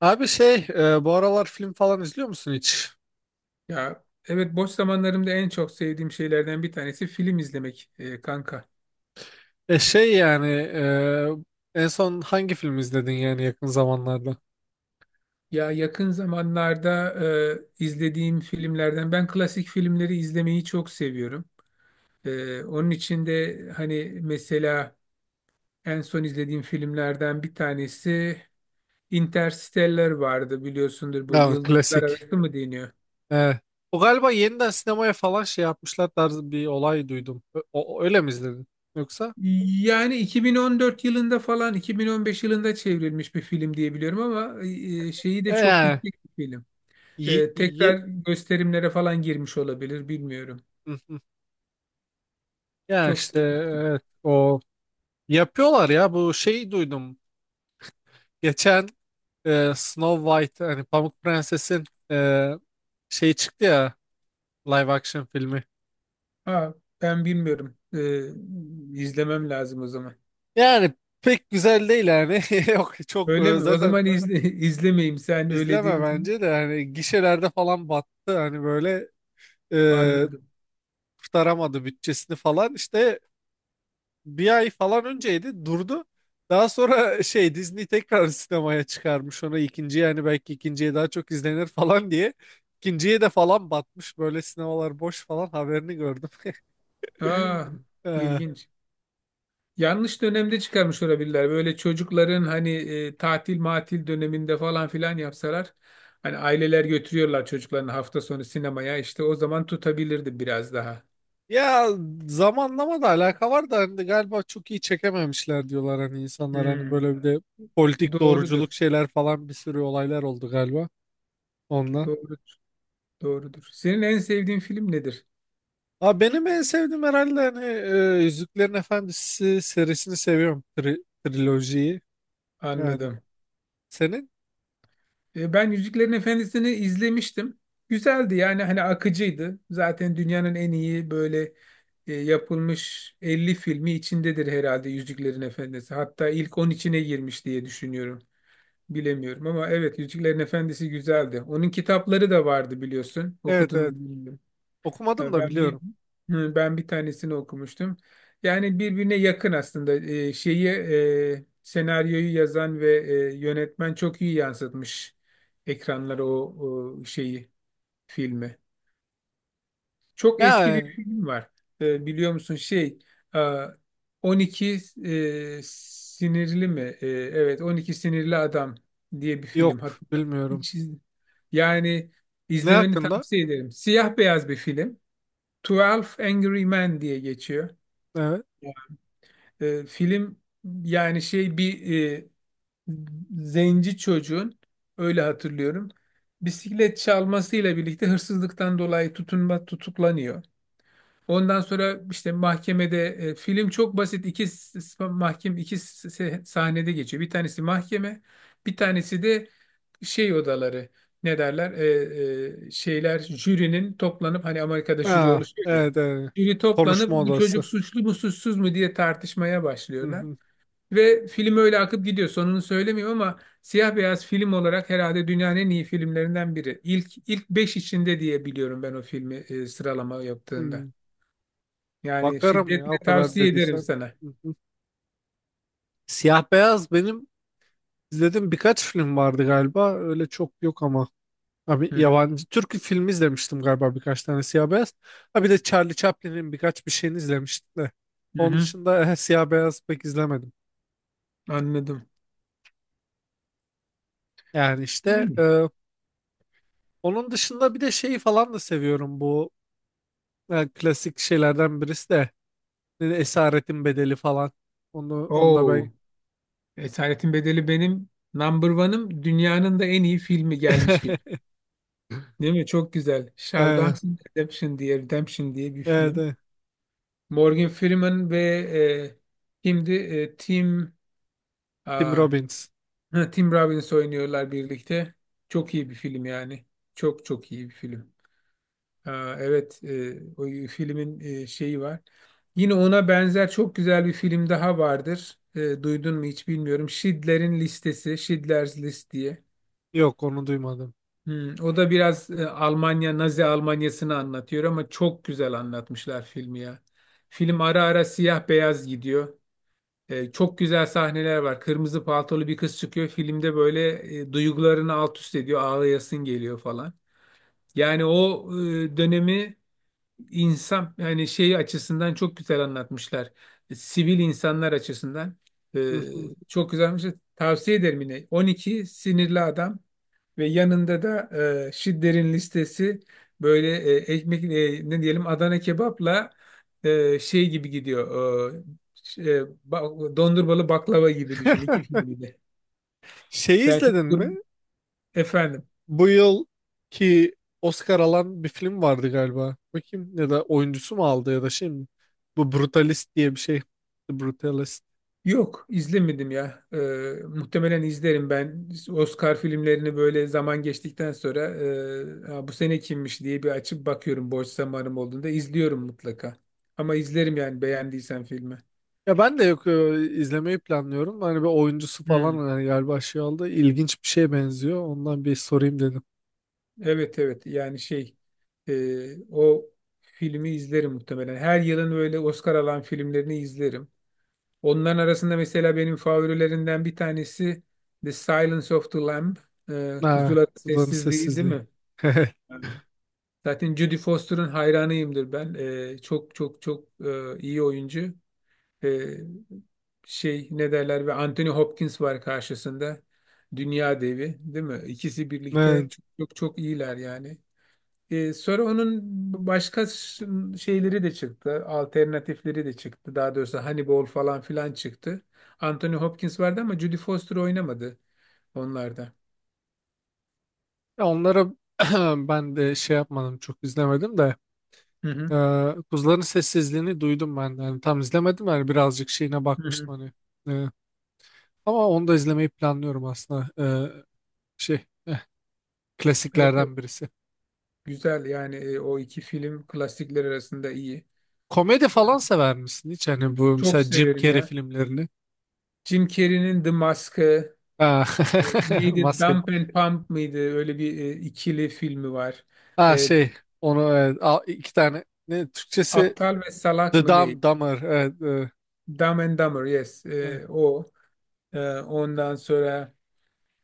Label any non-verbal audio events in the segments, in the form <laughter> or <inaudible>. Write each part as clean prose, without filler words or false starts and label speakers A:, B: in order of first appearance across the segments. A: Abi bu aralar film falan izliyor musun hiç?
B: Ya evet boş zamanlarımda en çok sevdiğim şeylerden bir tanesi film izlemek, kanka.
A: Yani en son hangi film izledin yani yakın zamanlarda?
B: Ya yakın zamanlarda izlediğim filmlerden ben klasik filmleri izlemeyi çok seviyorum. Onun için de hani mesela en son izlediğim filmlerden bir tanesi Interstellar vardı, biliyorsundur, bu
A: Yani
B: Yıldızlar
A: klasik.
B: Arası mı deniyor?
A: Evet. O galiba yeniden sinemaya falan şey yapmışlar tarzı bir olay duydum. O, öyle mi izledin? Yoksa?
B: Yani 2014 yılında falan 2015 yılında çevrilmiş bir film diye biliyorum ama şeyi
A: E,
B: de çok
A: yani
B: yüksek bir film.
A: y-
B: Tekrar
A: y-
B: gösterimlere falan girmiş olabilir, bilmiyorum.
A: Hı hı. Ya
B: Çok
A: işte
B: sevmiştim.
A: evet, o yapıyorlar ya bu şeyi duydum. Geçen Snow White hani Pamuk Prenses'in e, şey çıktı ya, live action filmi.
B: Ha, ben bilmiyorum. İzlemem lazım o zaman.
A: Yani pek güzel değil yani. <laughs> Yok çok
B: Öyle mi? O
A: zaten
B: zaman izle, <laughs> izlemeyeyim, sen öyle
A: izleme
B: diyorsun.
A: bence de, yani gişelerde falan battı hani böyle, e,
B: Anladım.
A: kurtaramadı bütçesini falan işte, bir ay falan önceydi durdu. Daha sonra <laughs> Disney tekrar sinemaya çıkarmış onu ikinci, yani belki ikinciye daha çok izlenir falan diye. İkinciye de falan batmış, böyle sinemalar boş falan haberini gördüm.
B: Aa,
A: <laughs> E,
B: ilginç. Yanlış dönemde çıkarmış olabilirler. Böyle çocukların hani tatil matil döneminde falan filan yapsalar. Hani aileler götürüyorlar çocuklarını hafta sonu sinemaya. İşte o zaman tutabilirdi biraz daha.
A: Ya zamanlama da alaka var da, hani galiba çok iyi çekememişler diyorlar hani insanlar, hani
B: Hmm,
A: böyle bir de politik doğruculuk
B: doğrudur.
A: şeyler falan, bir sürü olaylar oldu galiba onunla.
B: Doğru. Doğrudur. Senin en sevdiğin film nedir?
A: Aa, benim en sevdiğim herhalde hani Yüzüklerin Efendisi serisini seviyorum. Trilojiyi yani.
B: Anladım.
A: Senin?
B: Ben Yüzüklerin Efendisi'ni izlemiştim. Güzeldi, yani hani akıcıydı. Zaten dünyanın en iyi böyle yapılmış 50 filmi içindedir herhalde, Yüzüklerin Efendisi. Hatta ilk 10 içine girmiş diye düşünüyorum. Bilemiyorum ama evet, Yüzüklerin Efendisi güzeldi. Onun kitapları da vardı, biliyorsun.
A: Evet,
B: Okudun
A: evet.
B: mu bilmiyorum.
A: Okumadım
B: Ee,
A: da
B: Ben bir
A: biliyorum.
B: hı, ben bir tanesini okumuştum. Yani birbirine yakın aslında. Şeyi, senaryoyu yazan ve yönetmen çok iyi yansıtmış ekranlara o şeyi, filmi. Çok eski
A: Ya
B: bir film var. Biliyor musun şey, e, 12, sinirli mi? Evet, 12 sinirli adam diye bir film
A: yok,
B: hatta.
A: bilmiyorum.
B: Hiç iz- Yani
A: Ne
B: izlemeni
A: hakkında?
B: tavsiye ederim. Siyah beyaz bir film. Twelve Angry Men diye geçiyor.
A: Evet.
B: Film, yani şey bir zenci çocuğun, öyle hatırlıyorum. Bisiklet çalmasıyla birlikte hırsızlıktan dolayı tutuklanıyor. Ondan sonra işte mahkemede film çok basit, iki sahnede geçiyor. Bir tanesi mahkeme, bir tanesi de şey odaları, ne derler, şeyler, jürinin toplanıp, hani Amerika'da jüri
A: Ha,
B: oluşuyor ya,
A: evet, evet.
B: jüri toplanıp
A: Konuşma
B: bu
A: odası.
B: çocuk suçlu mu suçsuz mu diye tartışmaya
A: Hı
B: başlıyorlar
A: hı.
B: ve film öyle akıp gidiyor, sonunu söylemiyorum ama siyah beyaz film olarak herhalde dünyanın en iyi filmlerinden biri, ilk 5 içinde diye biliyorum ben o filmi sıralama yaptığında.
A: Hı.
B: Yani
A: Bakarım ya, o
B: şiddetle
A: kadar
B: tavsiye ederim
A: dediysen.
B: sana.
A: Hı hı. Siyah beyaz benim izlediğim birkaç film vardı galiba. Öyle çok yok ama. Abi
B: Hı hı.
A: yabancı Türk filmi izlemiştim galiba, birkaç tane siyah beyaz. Ha bir de Charlie Chaplin'in birkaç bir şeyini izlemiştim de.
B: Hı
A: Onun
B: hı.
A: dışında <laughs> siyah beyaz pek izlemedim.
B: Anladım.
A: Yani işte
B: Yani.
A: onun dışında bir de şeyi falan da seviyorum, bu klasik şeylerden birisi de Esaretin Bedeli falan. Onu da ben
B: Oo. Esaretin Bedeli benim number one'ım. Dünyanın da en iyi filmi gelmiş gibi.
A: <laughs>
B: Değil mi? Çok güzel.
A: e,
B: Shawshank Redemption diye, Redemption diye bir
A: evet,
B: film.
A: evet.
B: Morgan Freeman ve şimdi
A: Tim
B: aa,
A: Robbins.
B: ha, Tim Robbins oynuyorlar birlikte. Çok iyi bir film yani. Çok çok iyi bir film. Aa, evet, o filmin şeyi var. Yine ona benzer çok güzel bir film daha vardır. Duydun mu hiç bilmiyorum. Schindler'in Listesi, Schindler's List diye.
A: Yok onu duymadım.
B: Hmm, o da biraz Almanya, Nazi Almanyası'nı anlatıyor ama çok güzel anlatmışlar filmi ya. Film ara ara siyah beyaz gidiyor. Çok güzel sahneler var. Kırmızı paltolu bir kız çıkıyor. Filmde böyle duygularını alt üst ediyor. Ağlayasın geliyor falan. Yani o dönemi insan yani şey açısından çok güzel anlatmışlar. Sivil insanlar açısından. E,
A: Hı hı.
B: Çok güzelmiş. Tavsiye ederim yine. 12 Sinirli Adam. Ve yanında da şidderin listesi, böyle ekmek, ne diyelim, Adana kebapla şey gibi gidiyor. Ş- e, Dondurmalı baklava gibi düşün iki filmi de.
A: Şeyi
B: Serkan
A: izledin mi,
B: Dur- Efendim.
A: bu yıl ki Oscar alan bir film vardı galiba? Bakayım, ya da oyuncusu mu aldı ya da şey mi? Bu Brutalist diye bir şey. The Brutalist.
B: Yok izlemedim ya. Muhtemelen izlerim ben. Oscar filmlerini böyle zaman geçtikten sonra "Ha, bu sene kimmiş" diye bir açıp bakıyorum, boş zamanım olduğunda izliyorum mutlaka. Ama izlerim yani beğendiysen filmi.
A: Ya ben de yok, izlemeyi planlıyorum. Hani bir oyuncusu falan
B: Hmm.
A: hani galiba şey oldu. İlginç bir şeye benziyor. Ondan bir sorayım dedim.
B: Evet, evet yani şey, o filmi izlerim muhtemelen. Her yılın böyle Oscar alan filmlerini izlerim. Onların arasında mesela benim favorilerinden bir tanesi The Silence of the Lamb.
A: Ha,
B: Kuzuların
A: kulağın
B: Sessizliği değil
A: sessizliği.
B: mi?
A: <laughs>
B: Evet. Zaten Jodie Foster'ın hayranıyımdır ben. Çok çok çok iyi oyuncu. E, Şey ne derler, ve Anthony Hopkins var karşısında. Dünya devi değil mi? İkisi birlikte
A: Evet.
B: çok, çok, çok iyiler yani. Sonra onun başka şeyleri de çıktı. Alternatifleri de çıktı. Daha doğrusu Hannibal falan filan çıktı. Anthony Hopkins vardı ama Judy Foster oynamadı onlarda.
A: Ya onlara <clears throat> ben de şey yapmadım, çok izlemedim de
B: Hı hı.
A: e, Kuzuların Sessizliğini duydum ben de. Yani tam izlemedim yani, birazcık şeyine
B: Hı hı.
A: bakmıştım hani. Ee, Ama onu da izlemeyi planlıyorum aslında. Şey, eh,
B: Evet, evet.
A: Klasiklerden birisi.
B: Güzel yani, o iki film klasikler arasında iyi.
A: Komedi falan sever misin hiç? Hani bu
B: Çok
A: mesela Jim
B: severim
A: Carrey
B: ya.
A: filmlerini.
B: Jim Carrey'nin The Mask'ı,
A: Ha, <laughs>
B: neydi?
A: maske.
B: Dump and Pump mıydı? Öyle bir ikili filmi var.
A: Ha
B: E,
A: şey, onu evet, iki tane. Ne Türkçesi?
B: Aptal ve Salak
A: The
B: mı ne?
A: Dumb Dumber. Evet, evet.
B: Dumb and Dumber yes.
A: Evet.
B: O. Ondan sonra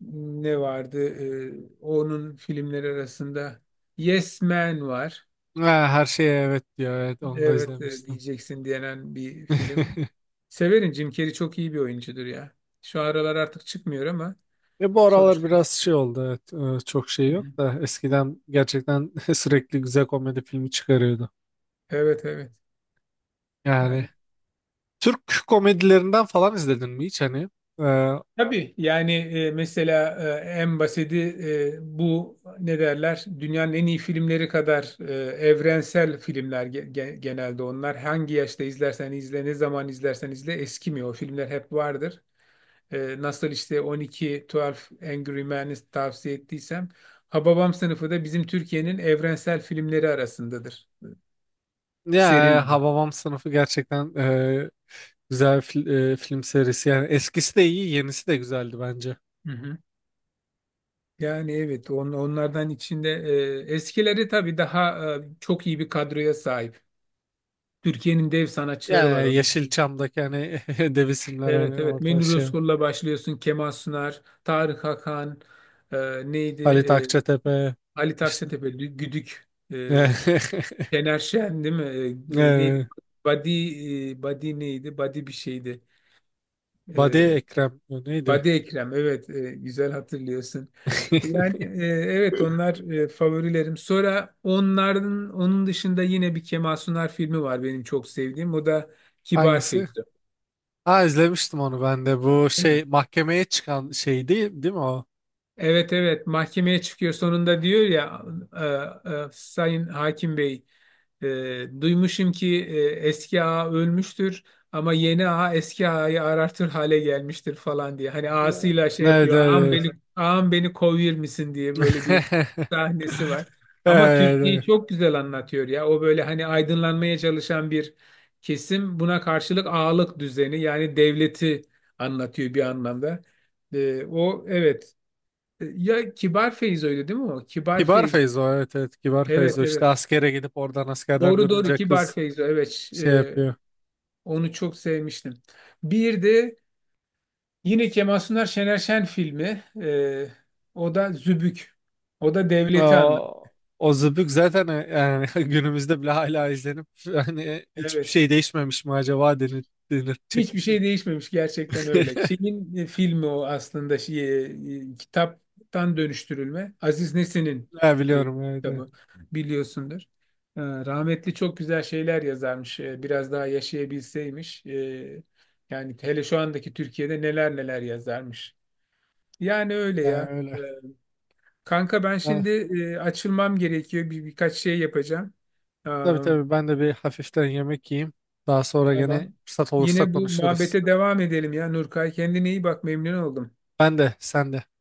B: ne vardı? Ee, Onun filmleri arasında Yes Man var.
A: Ha, her şeye evet diyor. Evet, onu da
B: Evet,
A: izlemiştim.
B: diyeceksin diyenen bir film.
A: <laughs>
B: Severim, Jim Carrey çok iyi bir oyuncudur ya. Şu aralar artık çıkmıyor ama
A: Bu aralar
B: sonuçta.
A: biraz şey oldu. Evet, çok şey
B: Hı
A: yok
B: hı.
A: da eskiden gerçekten <laughs> sürekli güzel komedi filmi çıkarıyordu.
B: Evet, evet.
A: Yani
B: Yani
A: Türk komedilerinden falan izledin mi hiç hani? Ee,
B: tabii yani, mesela en basiti, bu ne derler? Dünyanın en iyi filmleri kadar evrensel filmler genelde onlar. Hangi yaşta izlersen izle, ne zaman izlersen izle, eskimiyor. O filmler hep vardır. Nasıl işte 12, 12 Angry Men'i tavsiye ettiysem, Hababam sınıfı da bizim Türkiye'nin evrensel filmleri arasındadır.
A: ya
B: Serileri.
A: Hababam Sınıfı gerçekten güzel film serisi. Yani eskisi de iyi, yenisi de güzeldi bence.
B: Hı hı. Yani evet, onlardan içinde eskileri tabii daha çok iyi bir kadroya sahip. Türkiye'nin dev sanatçıları var
A: Yani
B: orada.
A: Yeşilçam'daki hani <laughs> dev isimler,
B: Evet,
A: hani
B: evet,
A: orada
B: Münir
A: şey,
B: Özkul'la başlıyorsun. Kemal Sunar, Tarık Hakan, e, neydi?
A: Halit Akçatepe
B: Ali
A: işte
B: Takçatepe, Güdük.
A: <laughs> e,
B: Şener Şen değil mi? Neydi? Badi, Badi neydi? Badi bir şeydi.
A: Badi
B: Ee,
A: Ekrem neydi?
B: Badi Ekrem. Evet, güzel hatırlıyorsun.
A: <laughs>
B: Yani, evet onlar favorilerim. Sonra onların onun dışında yine bir Kemal Sunal filmi var benim çok sevdiğim. O da Kibar
A: Hangisi?
B: Feyzo.
A: Ha, izlemiştim onu ben de. Bu şey mahkemeye çıkan şey değil, değil mi o?
B: Evet, evet mahkemeye çıkıyor sonunda diyor ya, Sayın Hakim Bey, duymuşum ki eski ağa ölmüştür ama yeni ağa eski ağayı arartır hale gelmiştir falan diye. Hani
A: Ee,
B: ağasıyla şey
A: Evet,
B: yapıyor, ağam
A: evet,
B: beni, ağam beni kovur misin diye, böyle bir
A: evet. <laughs>
B: sahnesi var. Ama
A: Evet,
B: Türkiye'yi
A: evet.
B: çok güzel anlatıyor ya, o böyle hani aydınlanmaya çalışan bir kesim, buna karşılık ağalık düzeni, yani devleti anlatıyor bir anlamda. O evet, ya Kibar Feyzo öyle değil mi o? Kibar
A: Kibar
B: Feyzo.
A: Feyzo, evet evet, Kibar Feyzo
B: Evet,
A: işte
B: evet.
A: askere gidip, oradan askerden
B: Doğru, doğru,
A: dönünce
B: Kibar
A: kız
B: Feyzo. Evet.
A: şey
B: e,
A: yapıyor.
B: Onu çok sevmiştim. Bir de yine Kemal Sunar Şener Şen filmi. O da Zübük. O da devleti anlat.
A: O, o Zıbık zaten, yani <laughs> günümüzde bile hala izlenip, hani hiçbir
B: Evet.
A: şey değişmemiş mi acaba denir, denilecek bir
B: Hiçbir
A: şey.
B: şey değişmemiş gerçekten öyle.
A: <laughs>
B: Şeyin filmi o aslında, şey, kitaptan dönüştürülme. Aziz Nesin'in
A: Ha,
B: e,
A: biliyorum, evet, evet.
B: kitabı, biliyorsundur. Rahmetli çok güzel şeyler yazarmış. Biraz daha yaşayabilseymiş. Yani hele şu andaki Türkiye'de neler neler yazarmış. Yani öyle
A: Yani
B: ya.
A: öyle.
B: E, Kanka, ben
A: Ha,
B: şimdi, açılmam gerekiyor. Birkaç şey yapacağım.
A: tabii
B: Aa,
A: tabii, ben de bir hafiften yemek yiyeyim. Daha sonra gene
B: tamam.
A: fırsat olursa
B: Yine bu
A: konuşuruz.
B: muhabbete devam edelim ya, Nurkay. Kendine iyi bak, memnun oldum.
A: Ben de sen de.